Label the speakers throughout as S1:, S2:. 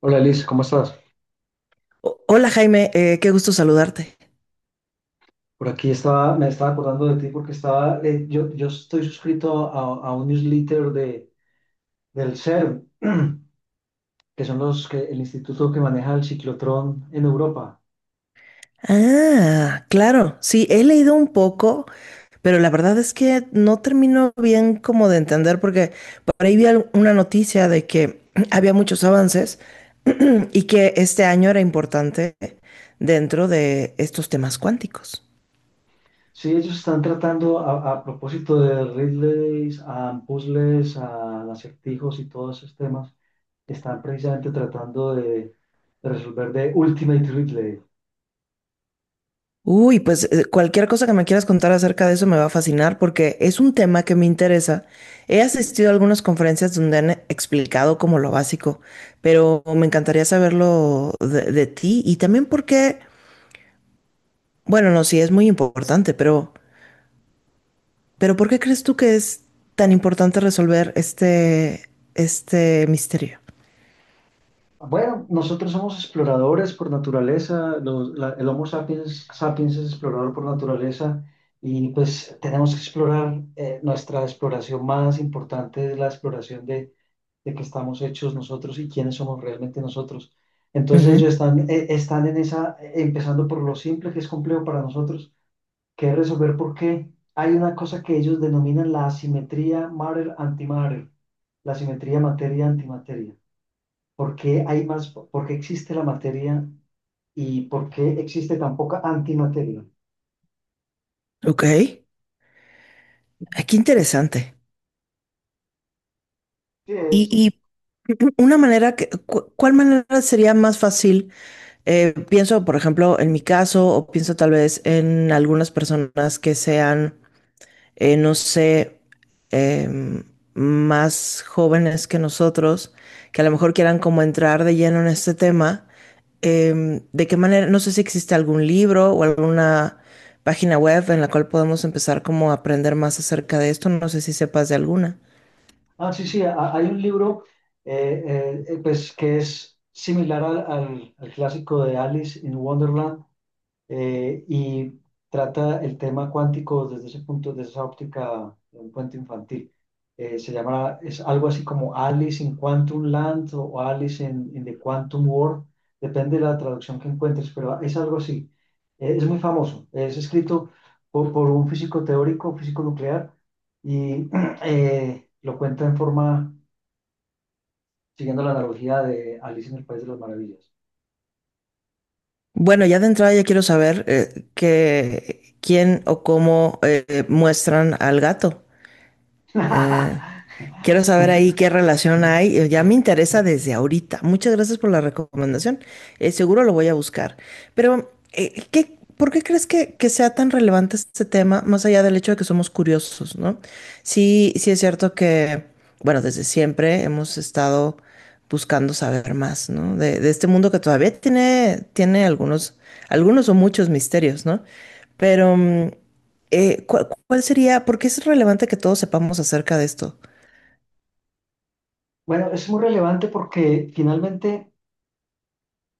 S1: Hola Liz, ¿cómo estás?
S2: Hola Jaime, qué gusto saludarte.
S1: Por aquí estaba, me estaba acordando de ti porque estaba, yo estoy suscrito a un newsletter de, del CERN, que son los que, el instituto que maneja el ciclotrón en Europa.
S2: Ah, claro, sí, he leído un poco, pero la verdad es que no termino bien como de entender porque por ahí vi una noticia de que había muchos avances y que este año era importante dentro de estos temas cuánticos.
S1: Sí, ellos están tratando a propósito de relays, a puzzles, a acertijos y todos esos temas, están precisamente tratando de resolver de Ultimate Relay.
S2: Uy, pues cualquier cosa que me quieras contar acerca de eso me va a fascinar porque es un tema que me interesa. He asistido a algunas conferencias donde han explicado como lo básico, pero me encantaría saberlo de ti y también porque, bueno, no, sí es muy importante, pero ¿por qué crees tú que es tan importante resolver este misterio?
S1: Bueno, nosotros somos exploradores por naturaleza, el Homo sapiens, sapiens es explorador por naturaleza y pues tenemos que explorar, nuestra exploración más importante es la exploración de qué estamos hechos nosotros y quiénes somos realmente nosotros. Entonces ellos
S2: Ujú.
S1: están, están en esa, empezando por lo simple que es complejo para nosotros, que es resolver por qué hay una cosa que ellos denominan la asimetría matter-antimatter, la asimetría materia-antimateria. ¿Por qué hay más, por qué existe la materia y por qué existe tan poca antimateria?
S2: Ok. Ah, qué interesante.
S1: Sí,
S2: Y, y una manera que, ¿cuál manera sería más fácil? Pienso, por ejemplo, en mi caso, o pienso tal vez en algunas personas que sean, no sé, em, más jóvenes que nosotros, que a lo mejor quieran como entrar de lleno en este tema. Em, ¿de qué manera? No sé si existe algún libro o alguna página web en la cual podemos empezar como a aprender más acerca de esto. No sé si sepas de alguna.
S1: Ah, sí, sí, hay un libro pues, que es similar al clásico de Alice in Wonderland, y trata el tema cuántico desde ese punto, desde esa óptica de un cuento infantil. Se llama, es algo así como Alice in Quantum Land o Alice in the Quantum World, depende de la traducción que encuentres, pero es algo así. Es muy famoso, es escrito por un físico teórico, físico nuclear, y lo cuenta en forma, siguiendo la analogía de Alice en el País de las Maravillas.
S2: Bueno, ya de entrada ya quiero saber quién o cómo muestran al gato. Eh, quiero saber ahí qué relación hay. Eh, ya me interesa desde ahorita. Muchas gracias por la recomendación. Eh, seguro lo voy a buscar. Pero, ¿por qué crees que sea tan relevante este tema, más allá del hecho de que somos curiosos, ¿no? Sí, sí es cierto que, bueno, desde siempre hemos estado buscando saber más, ¿no? De este mundo que todavía tiene, algunos, algunos o muchos misterios, ¿no? Pero... ¿cuál sería? Porque es relevante que todos sepamos acerca de esto.
S1: Bueno, es muy relevante porque finalmente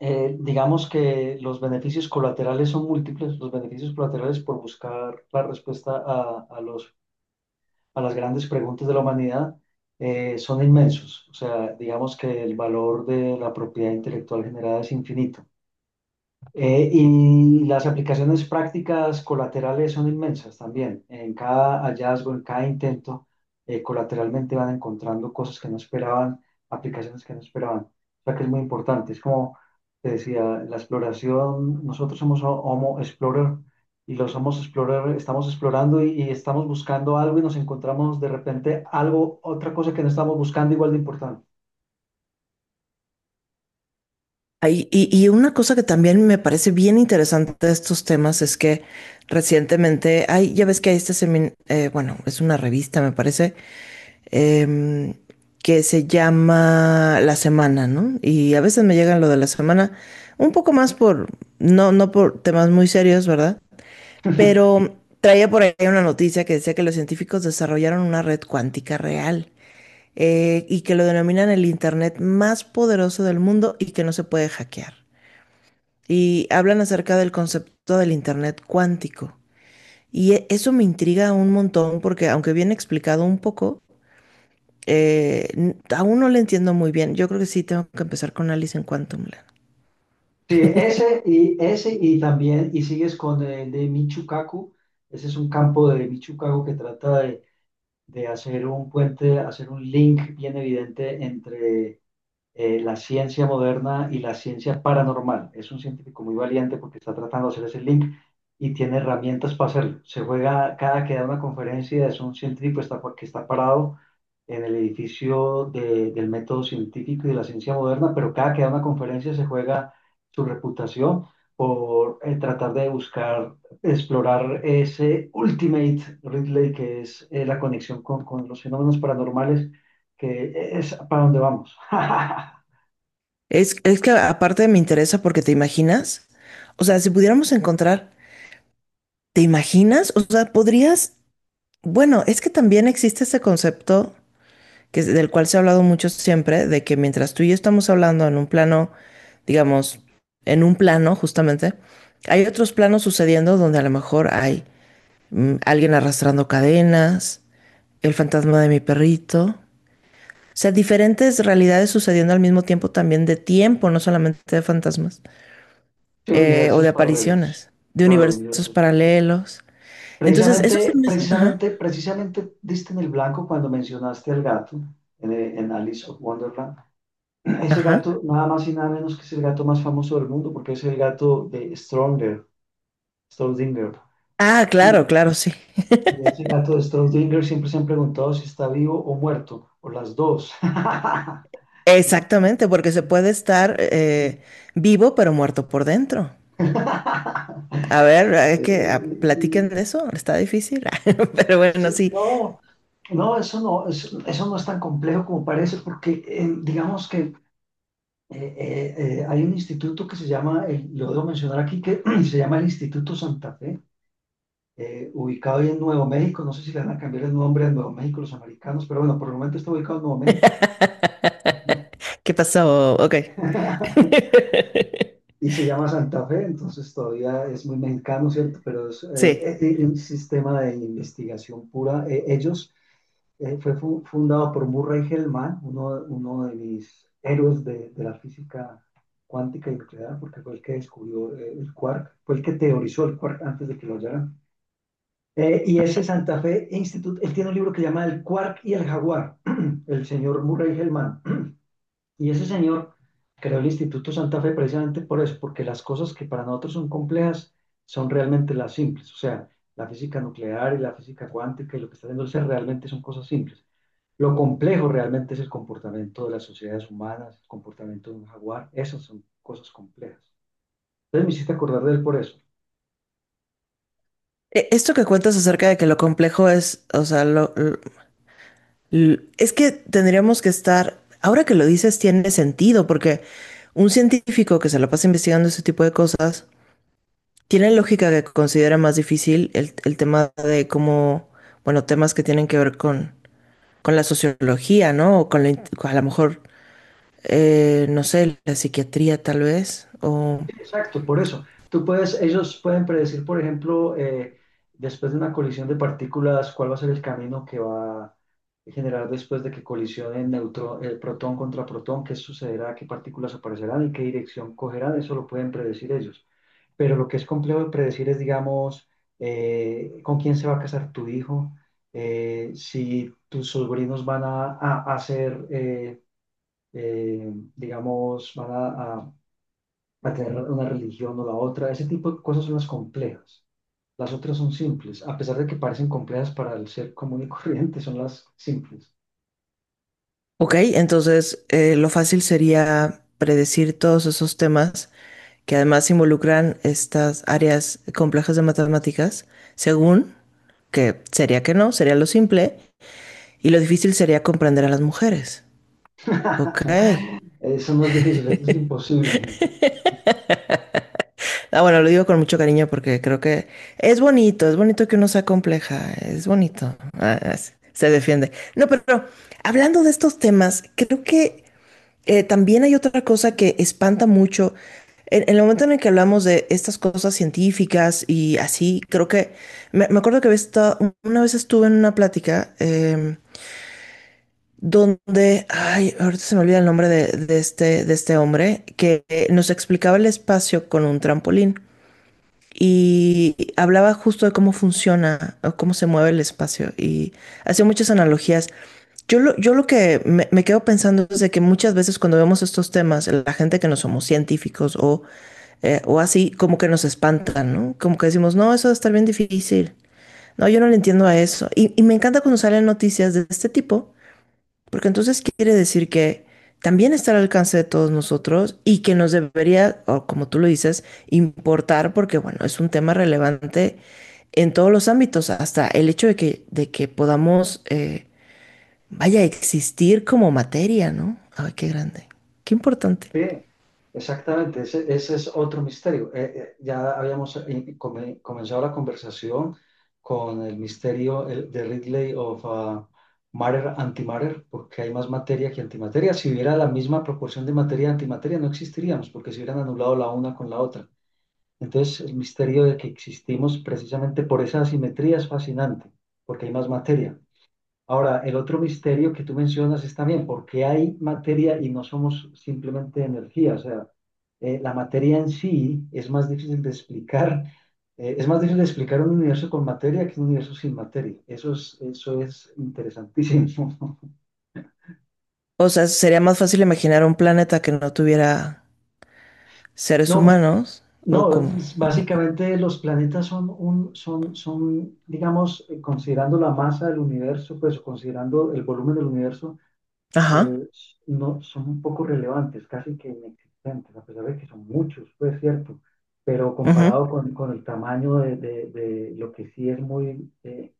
S1: digamos que los beneficios colaterales son múltiples, los beneficios colaterales por buscar la respuesta a los a las grandes preguntas de la humanidad son inmensos. O sea, digamos que el valor de la propiedad intelectual generada es infinito. Y las aplicaciones prácticas colaterales son inmensas también. En cada hallazgo, en cada intento, colateralmente van encontrando cosas que no esperaban, aplicaciones que no esperaban. O sea que es muy importante. Es como te decía, la exploración, nosotros somos Homo Explorer y los Homo Explorer estamos explorando y estamos buscando algo y nos encontramos de repente algo, otra cosa que no estamos buscando igual de importante.
S2: Ay, y una cosa que también me parece bien interesante de estos temas es que recientemente, hay, ya ves que hay este seminario, bueno, es una revista, me parece, em, que se llama La Semana, ¿no? Y a veces me llegan lo de la semana, un poco más por, no por temas muy serios, ¿verdad? Pero traía por ahí una noticia que decía que los científicos desarrollaron una red cuántica real. Eh, y que lo denominan el Internet más poderoso del mundo y que no se puede hackear. Y hablan acerca del concepto del Internet cuántico. Y eso me intriga un montón porque aunque bien explicado un poco, aún no lo entiendo muy bien. Yo creo que sí tengo que empezar con Alice en Quantum Land.
S1: Sí, ese ese y también, y sigues con el de Michucaku, ese es un campo de Michucaku que trata de hacer un puente, hacer un link bien evidente entre la ciencia moderna y la ciencia paranormal. Es un científico muy valiente porque está tratando de hacer ese link y tiene herramientas para hacerlo. Se juega cada que da una conferencia, es un científico que está parado en el edificio del método científico y de la ciencia moderna, pero cada que da una conferencia se juega su reputación por tratar de buscar, explorar ese ultimate Ridley que es la conexión con los fenómenos paranormales, que es para donde vamos.
S2: Es que aparte me interesa porque te imaginas, o sea, si pudiéramos encontrar, ¿te imaginas? O sea, podrías, bueno, es que también existe ese concepto del cual se ha hablado mucho siempre, de que mientras tú y yo estamos hablando en un plano, digamos, en un plano justamente, hay otros planos sucediendo donde a lo mejor hay alguien arrastrando cadenas, el fantasma de mi perrito, o sea, diferentes realidades sucediendo al mismo tiempo también de tiempo, no solamente de fantasmas,
S1: Sí,
S2: o de
S1: universos paralelos.
S2: apariciones, de
S1: Claro,
S2: universos
S1: universos.
S2: paralelos. Entonces, eso se
S1: Precisamente,
S2: me hace- Ajá,
S1: precisamente, precisamente diste en el blanco cuando mencionaste al gato en Alice of Wonderland. Ese
S2: ajá.
S1: gato, nada más y nada menos que es el gato más famoso del mundo, porque es el gato de Stronger, Strodinger.
S2: Ah, claro, claro, sí.
S1: Y ese gato de Strodinger siempre se han preguntado si está vivo o muerto, o las dos.
S2: Exactamente, porque se puede estar vivo pero muerto por dentro. A ver, hay
S1: Sí,
S2: que ah, platiquen de eso, está difícil, pero bueno,
S1: sí,
S2: sí.
S1: no, no, eso no, eso no es tan complejo como parece, porque digamos que hay un instituto que se llama, lo debo mencionar aquí, que se llama el Instituto Santa Fe. Ubicado ahí en Nuevo México. No sé si le van a cambiar el nombre a Nuevo México los americanos, pero bueno, por el momento está ubicado en Nuevo México.
S2: ¿Qué pasó? Ok.
S1: Y se llama Santa Fe, entonces todavía es muy mexicano, ¿cierto? Pero es
S2: Sí.
S1: un sistema de investigación pura. Ellos fue fu fundado por Murray Hellman, uno de mis héroes de la física cuántica y nuclear, porque fue el que descubrió el quark, fue el que teorizó el quark antes de que lo hallaran. Y ese Santa Fe Institute, él tiene un libro que se llama El Quark y el Jaguar, el señor Murray Hellman. Y ese señor creó el Instituto Santa Fe precisamente por eso, porque las cosas que para nosotros son complejas son realmente las simples. O sea, la física nuclear y la física cuántica y lo que está haciendo el ser realmente son cosas simples. Lo complejo realmente es el comportamiento de las sociedades humanas, el comportamiento de un jaguar. Esas son cosas complejas. Entonces me hiciste acordar de él por eso.
S2: Esto que cuentas acerca de que lo complejo es, o sea, es que tendríamos que estar, ahora que lo dices, tiene sentido, porque un científico que se la pasa investigando ese tipo de cosas, tiene lógica que considera más difícil el tema de cómo, bueno, temas que tienen que ver con la sociología, ¿no? O con la, a lo mejor, no sé, la psiquiatría tal vez. O,
S1: Exacto, por eso. Tú puedes, ellos pueden predecir, por ejemplo, después de una colisión de partículas, cuál va a ser el camino que va a generar después de que colisionen protón contra protón, qué sucederá, qué partículas aparecerán y qué dirección cogerán, eso lo pueden predecir ellos. Pero lo que es complejo de predecir es, digamos, con quién se va a casar tu hijo, si tus sobrinos van a ser, digamos, a a tener una religión o la otra. Ese tipo de cosas son las complejas. Las otras son simples. A pesar de que parecen complejas para el ser común y corriente, son las simples.
S2: ok, entonces lo fácil sería predecir todos esos temas que además involucran estas áreas complejas de matemáticas, según que sería que no, sería lo simple, y lo difícil sería comprender a las mujeres. Ok.
S1: Son las difíciles, eso es imposible.
S2: Ah, bueno, lo digo con mucho cariño porque creo que es bonito que uno sea compleja, es bonito. Ah, se defiende. No, pero hablando de estos temas, creo que también hay otra cosa que espanta mucho. En el momento en el que hablamos de estas cosas científicas y así, creo que me acuerdo que una vez estuve en una plática donde, ay, ahorita se me olvida el nombre de este hombre que nos explicaba el espacio con un trampolín y hablaba justo de cómo funciona o cómo se mueve el espacio y hacía muchas analogías. Yo lo que me quedo pensando es de que muchas veces cuando vemos estos temas, la gente que no somos científicos o así, como que nos espantan, ¿no? Como que decimos, no, eso va a estar bien difícil. No, yo no le entiendo a eso. Y me encanta cuando salen noticias de este tipo porque entonces quiere decir que también está al alcance de todos nosotros y que nos debería, o como tú lo dices, importar porque, bueno, es un tema relevante en todos los ámbitos, hasta el hecho de que podamos, vaya, existir como materia, ¿no? Ay, qué grande, qué importante.
S1: Sí, exactamente, ese es otro misterio. Ya habíamos comenzado la conversación con el misterio de Ridley of Matter Antimatter, porque hay más materia que antimateria. Si hubiera la misma proporción de materia y antimateria, no existiríamos, porque se hubieran anulado la una con la otra. Entonces, el misterio de que existimos precisamente por esa asimetría es fascinante, porque hay más materia. Ahora, el otro misterio que tú mencionas es también por qué hay materia y no somos simplemente energía. O sea, la materia en sí es más difícil de explicar. Es más difícil de explicar un universo con materia que un universo sin materia. Eso es interesantísimo.
S2: O sea, sería más fácil imaginar un planeta que no tuviera seres
S1: No,
S2: humanos o
S1: no,
S2: como...
S1: es- básicamente los planetas son, digamos, considerando la masa del universo, pues o considerando el volumen del universo.
S2: Ajá,
S1: eh, no, son un poco relevantes, casi que inexistentes, a pesar de que son muchos, pues cierto, pero
S2: ujú,
S1: comparado con el tamaño de, de lo que sí es muy, eh,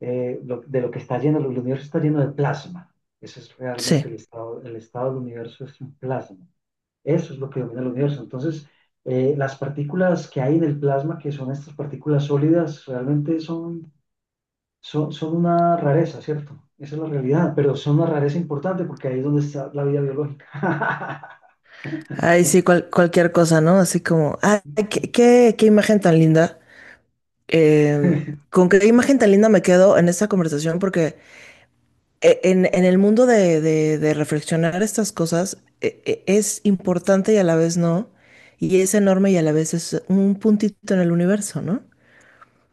S1: eh, de lo que está lleno, el universo está lleno de plasma. Ese es
S2: sí.
S1: realmente el estado del universo es un plasma. Eso es lo que domina el universo. Entonces, las partículas que hay en el plasma, que son estas partículas sólidas, realmente son una rareza, ¿cierto? Esa es la realidad, pero son una rareza importante porque ahí es donde está la vida biológica.
S2: Ay, sí, cualquier cosa, ¿no? Así como, ay, qué, qué, qué imagen tan linda. Eh, con qué imagen tan linda me quedo en esta conversación, porque en el mundo de, de reflexionar estas cosas es importante y a la vez no, y es enorme y a la vez es un puntito en el universo, ¿no?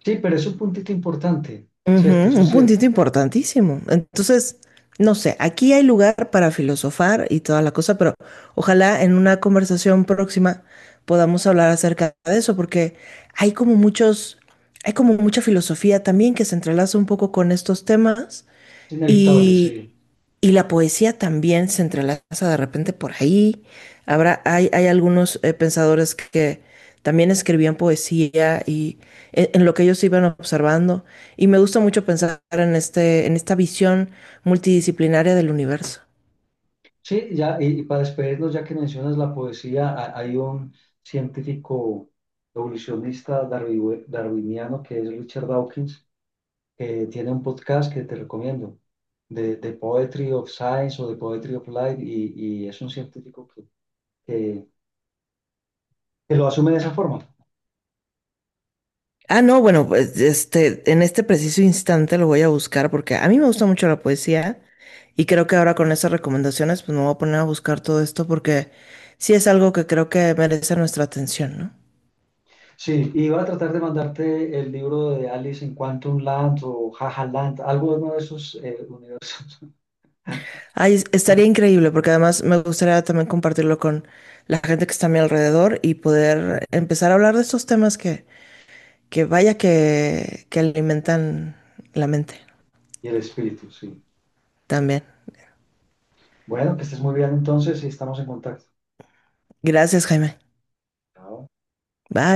S1: Sí, pero es un puntito importante, ¿cierto?
S2: Ujú,
S1: Eso es
S2: un
S1: cierto.
S2: puntito importantísimo. Entonces, no sé, aquí hay lugar para filosofar y toda la cosa, pero ojalá en una conversación próxima podamos hablar acerca de eso, porque hay como muchos, hay como mucha filosofía también que se entrelaza un poco con estos temas.
S1: Es inevitable,
S2: Y,
S1: sí.
S2: y la poesía también se entrelaza de repente por ahí. Habrá, hay algunos pensadores que también escribían poesía y en, lo que ellos iban observando. Y me gusta mucho pensar en, este, en esta visión multidisciplinaria del universo.
S1: Sí, ya, y para despedirnos, ya que mencionas la poesía, hay un científico evolucionista darwiniano que es Richard Dawkins, que tiene un podcast que te recomiendo, de Poetry of Science o de Poetry of Life, y es un científico que, que que lo asume de esa forma.
S2: Ah, no, bueno, pues este, en este preciso instante lo voy a buscar porque a mí me gusta mucho la poesía y creo que ahora con esas recomendaciones pues me voy a poner a buscar todo esto porque sí es algo que creo que merece nuestra atención, ¿no?
S1: Sí, iba a tratar de mandarte el libro de Alice en Quantum Land o Jaja Land, algo de uno de esos universos
S2: Ay, estaría increíble porque además me gustaría también compartirlo con la gente que está a mi alrededor y poder empezar a hablar de estos temas que vaya que alimentan la mente
S1: y el espíritu, sí.
S2: también.
S1: Bueno, que estés muy bien entonces y estamos en contacto.
S2: Gracias, Jaime.
S1: Chao.
S2: Bye.